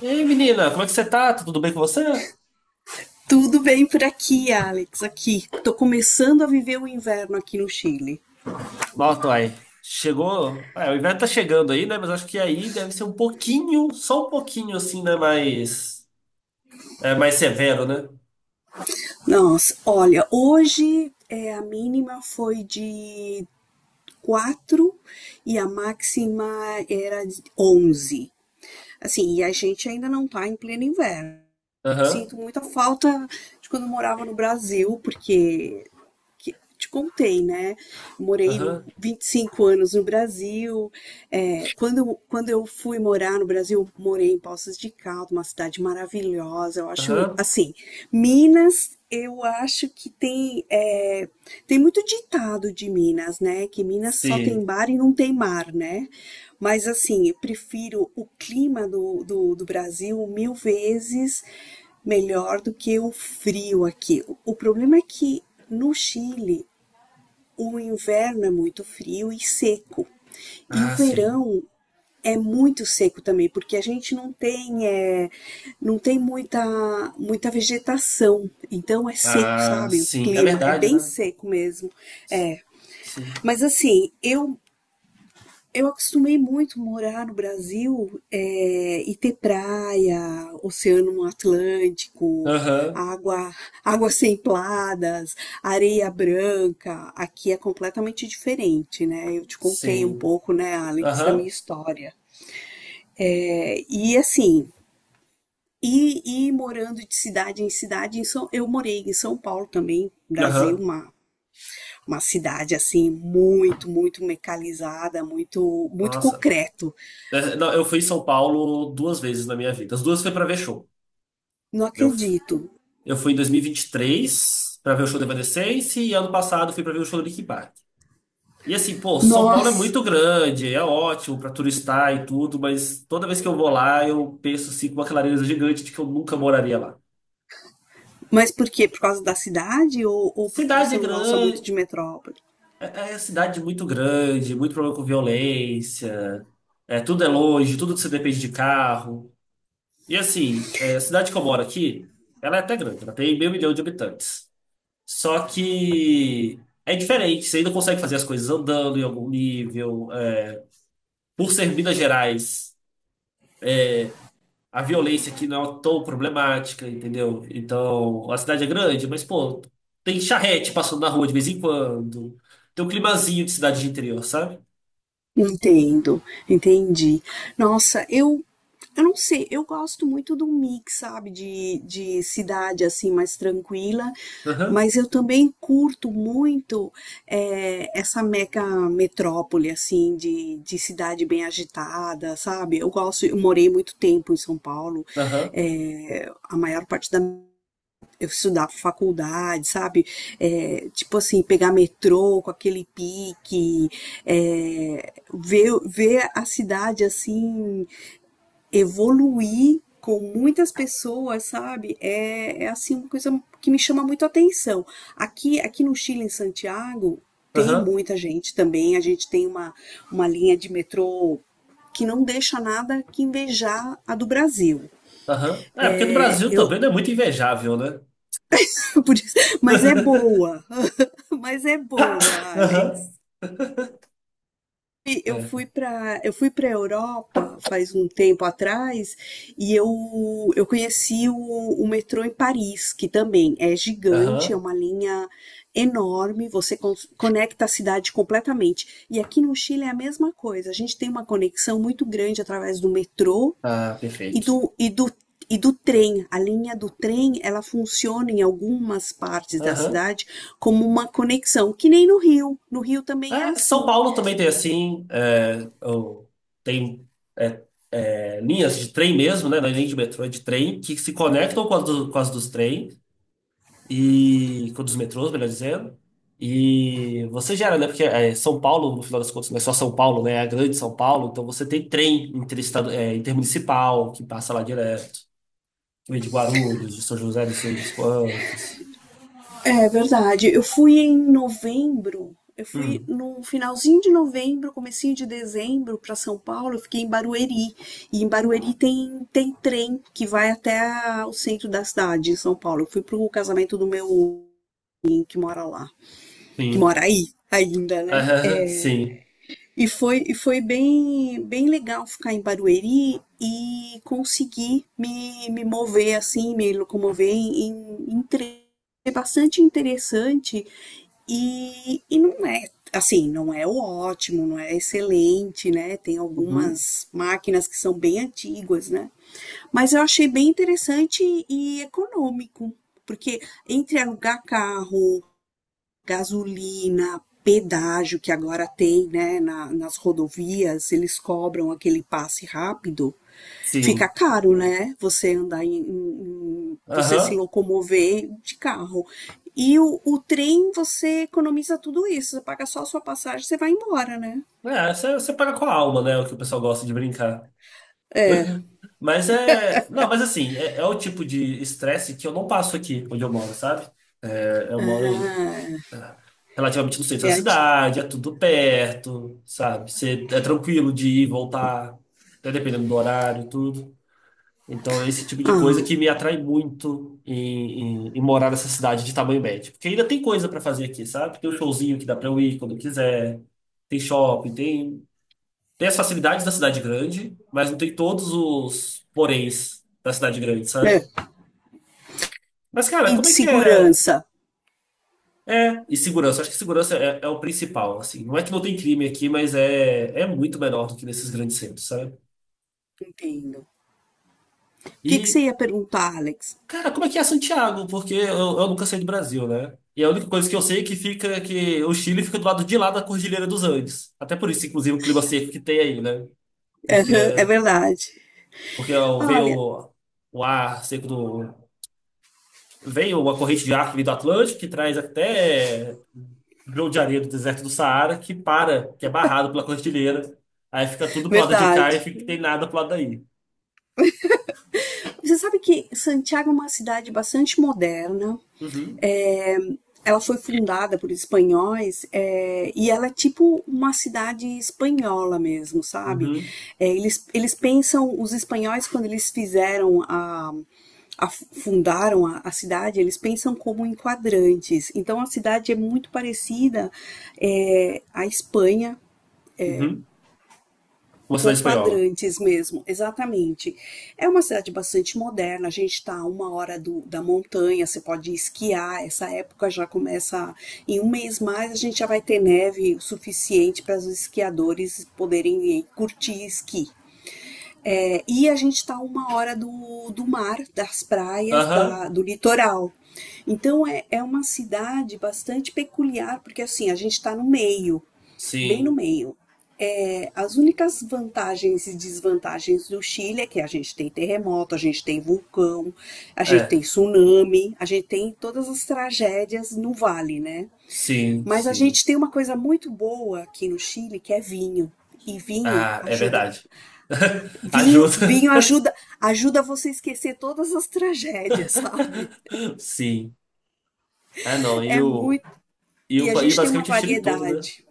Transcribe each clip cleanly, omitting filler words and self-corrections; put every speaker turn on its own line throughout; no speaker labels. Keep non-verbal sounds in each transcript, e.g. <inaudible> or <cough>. Ei, menina, como é que você tá? Tá tudo bem com você?
Tudo bem por aqui, Alex? Aqui. Tô começando a viver o inverno aqui no Chile.
Nossa, uai, chegou. É, o inverno tá chegando aí, né? Mas acho que aí deve ser um pouquinho, só um pouquinho assim, né? Mais, é, mais severo, né?
Nossa, olha, a mínima foi de 4 e a máxima era de 11. Assim, e a gente ainda não tá em pleno inverno.
Aham,
Sinto muita falta de quando eu morava no Brasil, porque que te contei, né? Morei
aham,
25 anos no Brasil. É, quando eu fui morar no Brasil, morei em Poços de Caldas, uma cidade maravilhosa. Eu acho,
aham.
assim, Minas, eu acho que tem muito ditado de Minas, né? Que Minas só
Sim.
tem bar e não tem mar, né? Mas assim, eu prefiro o clima do Brasil mil vezes melhor do que o frio aqui. O problema é que no Chile o inverno é muito frio e seco. E o
Ah, sim.
verão é muito seco também, porque a gente não tem muita, muita vegetação, então é seco,
Ah,
sabe? O
sim. É
clima é
verdade,
bem
né?
seco mesmo. É.
Sim.
Mas assim, eu acostumei muito morar no Brasil e ter praia, oceano Atlântico,
Aham,
água, águas templadas, areia branca. Aqui é completamente diferente, né? Eu te contei um
sim.
pouco, né, Alex, da minha
Aham,
história. É, e assim, morando de cidade, em São, eu morei em São Paulo também, Brasil,
aham.
uma cidade assim muito, muito mecanizada, muito, muito
Nossa.
concreto.
É, não, eu fui em São Paulo duas vezes na minha vida. As duas foi pra ver show.
Não
Eu
acredito.
Eu fui em 2023 pra ver o show do Evanescence e ano passado fui pra ver o show do Linkin Park. E assim, pô, São Paulo é
Nossa,
muito grande, é ótimo pra turistar e tudo, mas toda vez que eu vou lá, eu penso assim com uma clareza gigante de que eu nunca moraria lá.
mas por quê? Por causa da cidade ou porque
Cidade
você não gosta muito
grande,
de metrópole?
é, é cidade muito grande, muito problema com violência, é, tudo é longe, tudo você depende de carro. E assim, é, a cidade que eu moro aqui, ela é até grande, ela tem meio milhão de habitantes. Só que é diferente, você ainda consegue fazer as coisas andando em algum nível. É. Por ser Minas Gerais, a violência aqui não é tão problemática, entendeu? Então, a cidade é grande, mas, pô, tem charrete passando na rua de vez em quando. Tem um climazinho de cidade de interior, sabe?
Entendo, entendi. Nossa, eu não sei, eu gosto muito do mix, sabe, de cidade assim mais tranquila,
Aham,
mas eu também curto muito essa mega metrópole assim de cidade bem agitada, sabe? Eu gosto, eu morei muito tempo em São Paulo,
aham,
a maior parte da eu estudar pra faculdade, sabe? É, tipo assim, pegar metrô com aquele pique, é, ver a cidade assim evoluir com muitas pessoas, sabe? É, é assim uma coisa que me chama muito a atenção. Aqui no Chile, em Santiago, tem
aham,
muita gente também. A gente tem uma linha de metrô que não deixa nada que invejar a do Brasil.
aham. É, porque no
É,
Brasil
eu,
também não é muito invejável, né?
<laughs> por isso- mas é boa,
<laughs>
<laughs> Mas é boa,
Aham.
Alex. E
É,
eu fui para Europa faz um tempo atrás e eu conheci o metrô em Paris, que também é gigante, é
aham.
uma linha enorme, você conecta a cidade completamente. E aqui no Chile é a mesma coisa. A gente tem uma conexão muito grande através do metrô
Ah,
e
perfeito.
do, e do, e do trem. A linha do trem, ela funciona em algumas partes da
Aham.
cidade como uma conexão, que nem no Rio. No Rio também é
É, São
assim.
Paulo também tem assim, é, tem é, é, linhas de trem mesmo, né? Não é nem de metrô, é de trem, que se conectam com as, com as dos trens e com os metrôs, melhor dizendo. E você gera, né? Porque é, São Paulo, no final das contas, não é só São Paulo, né? É a grande São Paulo, então você tem trem é, intermunicipal que passa lá direto, que vem de Guarulhos, de São José, de sei das quantas.
É verdade. Eu fui em novembro. Eu fui
Hum,
no finalzinho de novembro, comecinho de dezembro para São Paulo, eu fiquei em Barueri. E em Barueri tem, tem trem que vai até o centro da cidade, em São Paulo. Eu fui pro casamento do meu que mora lá, que
sim. <laughs>
mora aí ainda, né?
Aham, sim.
E foi bem, bem legal ficar em Barueri e conseguir me mover assim, me locomover em, em trem. É bastante interessante e não é assim, não é o ótimo, não é excelente, né? Tem
Uhum,
algumas máquinas que são bem antigas, né? Mas eu achei bem interessante e econômico, porque entre alugar carro gasolina, pedágio que agora tem, né, nas rodovias, eles cobram aquele passe rápido, fica
sim.
caro, né, você andar você se
Aham.
locomover de carro. E o trem, você economiza tudo isso, você paga só a sua passagem, você vai embora, né?
É, você, você paga com a alma, né? O que o pessoal gosta de brincar. <laughs> Mas é. Não, mas assim, é, é o tipo de estresse que eu não passo aqui onde eu moro, sabe? É, eu moro
Ah,
é, relativamente no centro da
é,
cidade, é tudo perto, sabe? Você, é tranquilo de ir e voltar, até dependendo do horário e tudo. Então, é esse tipo de
ah,
coisa que me atrai muito em morar nessa cidade de tamanho médio. Porque ainda tem coisa pra fazer aqui, sabe? Tem um showzinho que dá pra eu ir quando eu quiser, tem shopping, tem. Tem as facilidades da cidade grande, mas não tem todos os poréns da cidade grande,
é.
sabe? Mas, cara,
E de
como é que é?
segurança,
É, e segurança. Acho que segurança é, é o principal, assim. Não é que não tem crime aqui, mas é, é muito menor do que nesses grandes centros, sabe?
entendo. O que que
E,
você ia perguntar, Alex?
cara, como é que é Santiago? Porque eu nunca saí do Brasil, né? E a única coisa que eu sei é que fica é que o Chile fica do lado de lá da Cordilheira dos Andes. Até por isso, inclusive, o clima seco que tem aí, né? Porque,
<laughs> É verdade.
porque veio
Olha,
o ar seco do, veio a corrente de ar que veio do Atlântico, que traz até grão de areia do deserto do Saara, que para, que é barrado pela cordilheira. Aí fica tudo pro lado de cá
verdade.
e fica que tem nada pro lado daí.
Você sabe que Santiago é uma cidade bastante moderna.
Uhum,
Ela foi fundada por espanhóis e ela é tipo uma cidade espanhola mesmo, sabe?
uhum,
É, eles pensam, os espanhóis, quando eles fizeram a, fundaram a cidade, eles pensam como em quadrantes. Então a cidade é muito parecida à Espanha
uhum. Uma
com
cidade espanhola.
quadrantes mesmo, exatamente. É uma cidade bastante moderna, a gente está a uma hora do, da montanha, você pode esquiar, essa época já começa, em um mês mais a gente já vai ter neve o suficiente para os esquiadores poderem ir curtir esqui. É, e a gente está a uma hora do, do mar, das praias,
Aham,
da, do litoral. Então é, é uma cidade bastante peculiar, porque assim, a gente está no meio, bem no
sim.
meio. É, as únicas vantagens e desvantagens do Chile é que a gente tem terremoto, a gente tem vulcão, a gente tem
É,
tsunami, a gente tem todas as tragédias no vale, né?
sim,
Mas a
sim.
gente tem uma coisa muito boa aqui no Chile que é vinho. E vinho
Ah, é
ajuda,
verdade. <laughs> Ajuda.
vinho ajuda, ajuda você a esquecer todas as tragédias, <laughs> sabe?
Sim. É, não, e
É
o,
muito.
e
E
o,
a
e
gente tem uma
basicamente o Chile todo, né?
variedade.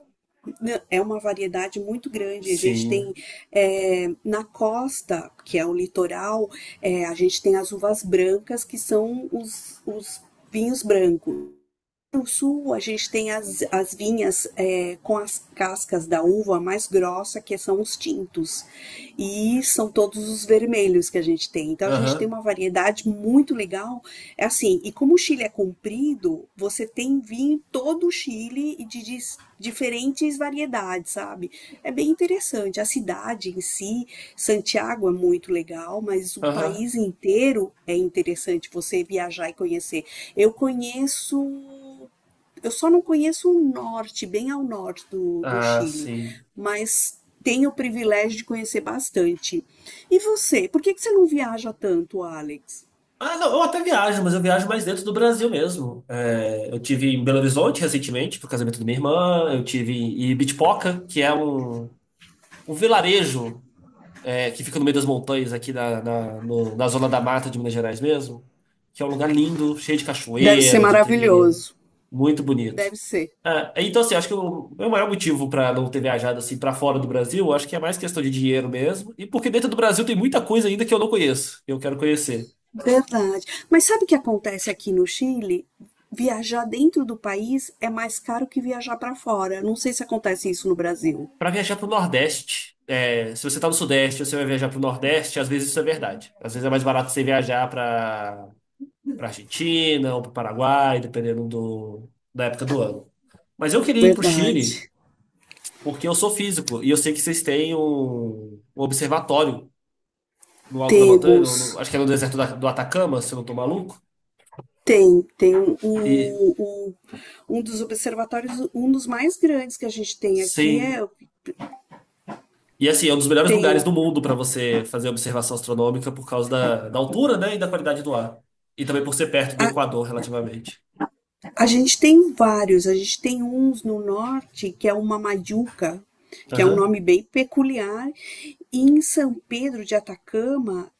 É uma variedade muito grande. A gente tem
Sim.
na costa, que é o litoral, é, a gente tem as uvas brancas, que são os vinhos brancos. No sul, a gente tem as, as vinhas com as cascas da uva mais grossa, que são os tintos. E são todos os vermelhos que a gente tem. Então, a gente tem
Aham,
uma variedade muito legal. É assim, e como o Chile é comprido, você tem vinho em todo o Chile e de, diferentes variedades, sabe? É bem interessante. A cidade em si, Santiago é muito legal, mas o
aham.
país inteiro é interessante você viajar e conhecer. Eu conheço eu só não conheço o norte, bem ao norte do, do
Ah,
Chile,
sim.
mas tenho o privilégio de conhecer bastante. E você, por que que você não viaja tanto, Alex?
Ah, não, eu até viajo, mas eu viajo mais dentro do Brasil mesmo. É, eu tive em Belo Horizonte recentemente, pro casamento da minha irmã, eu tive em Ibitipoca, que é um, um vilarejo é, que fica no meio das montanhas aqui na, na, no- na zona da mata de Minas Gerais mesmo, que é um lugar lindo, cheio de
Deve ser
cachoeira, de trilha,
maravilhoso.
muito bonito.
Deve ser.
Ah, então, assim, acho que o meu maior motivo para não ter viajado assim para fora do Brasil, acho que é mais questão de dinheiro mesmo, e porque dentro do Brasil tem muita coisa ainda que eu não conheço, que eu quero conhecer.
Verdade. Mas sabe o que acontece aqui no Chile? Viajar dentro do país é mais caro que viajar para fora. Não sei se acontece isso no Brasil.
Para viajar para o Nordeste, é, se você está no Sudeste, você vai viajar para o Nordeste, às vezes isso é verdade. Às vezes é mais barato você viajar para Argentina ou para o Paraguai, dependendo do, da época do ano. Mas eu queria ir para o Chile
Verdade.
porque eu sou físico e eu sei que vocês têm um, um observatório no alto da montanha,
Temos.
acho que é no do Atacama, se eu não estou maluco.
Tem,
E
um dos observatórios, um dos mais grandes que a gente tem aqui é
sim. E assim, é um dos melhores lugares
tem
do mundo para você fazer observação astronômica por causa da, da altura, né, e da qualidade do ar. E também por ser perto do
a,
Equador, relativamente.
a gente tem vários, a gente tem uns no norte que é uma Majuca, que é um
Aham,
nome bem peculiar, e em São Pedro de Atacama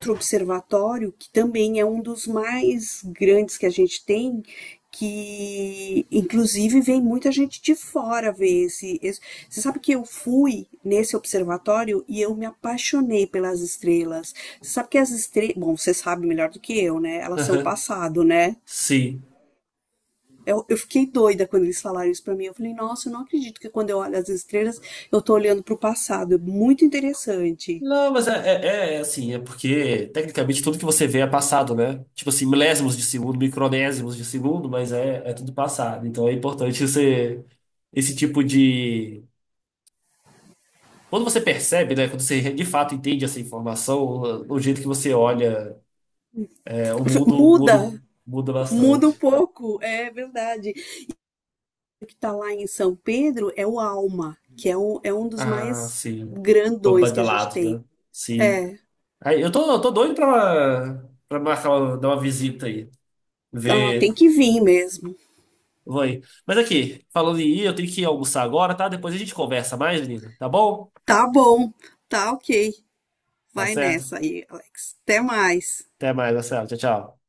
outro observatório, que também é um dos mais grandes que a gente tem, que inclusive vem muita gente de fora ver Você sabe que eu fui nesse observatório e eu me apaixonei pelas estrelas. Você sabe que as estrelas. Bom, você sabe melhor do que eu, né? Elas são o
aham,
passado, né?
sim.
Eu fiquei doida quando eles falaram isso pra mim. Eu falei, nossa, eu não acredito que quando eu olho as estrelas, eu tô olhando pro passado. É muito interessante.
Não, mas é, é, é, assim, é porque tecnicamente tudo que você vê é passado, né? Tipo assim, milésimos de segundo, micronésimos de segundo, mas é, é tudo passado. Então é importante você, esse tipo de. Quando você percebe, né? Quando você de fato entende essa informação, o jeito que você olha, é, o mundo muda,
Muda,
muda
muda um
bastante.
pouco, é verdade. Que está lá em São Pedro é o Alma, que é um dos
Ah,
mais
sim. Pra
grandões que a gente
badalados,
tem.
né? Sim.
É,
Aí, eu tô doido pra, pra marcar, uma- dar uma visita aí.
ah,
Ver.
tem que vir mesmo.
Vou aí. Mas aqui, falando em ir, eu tenho que ir almoçar agora, tá? Depois a gente conversa mais, menina. Tá bom?
Tá bom, tá ok.
Tá
Vai
certo?
nessa aí, Alex. Até mais.
Até mais, Marcelo. Tchau, tchau.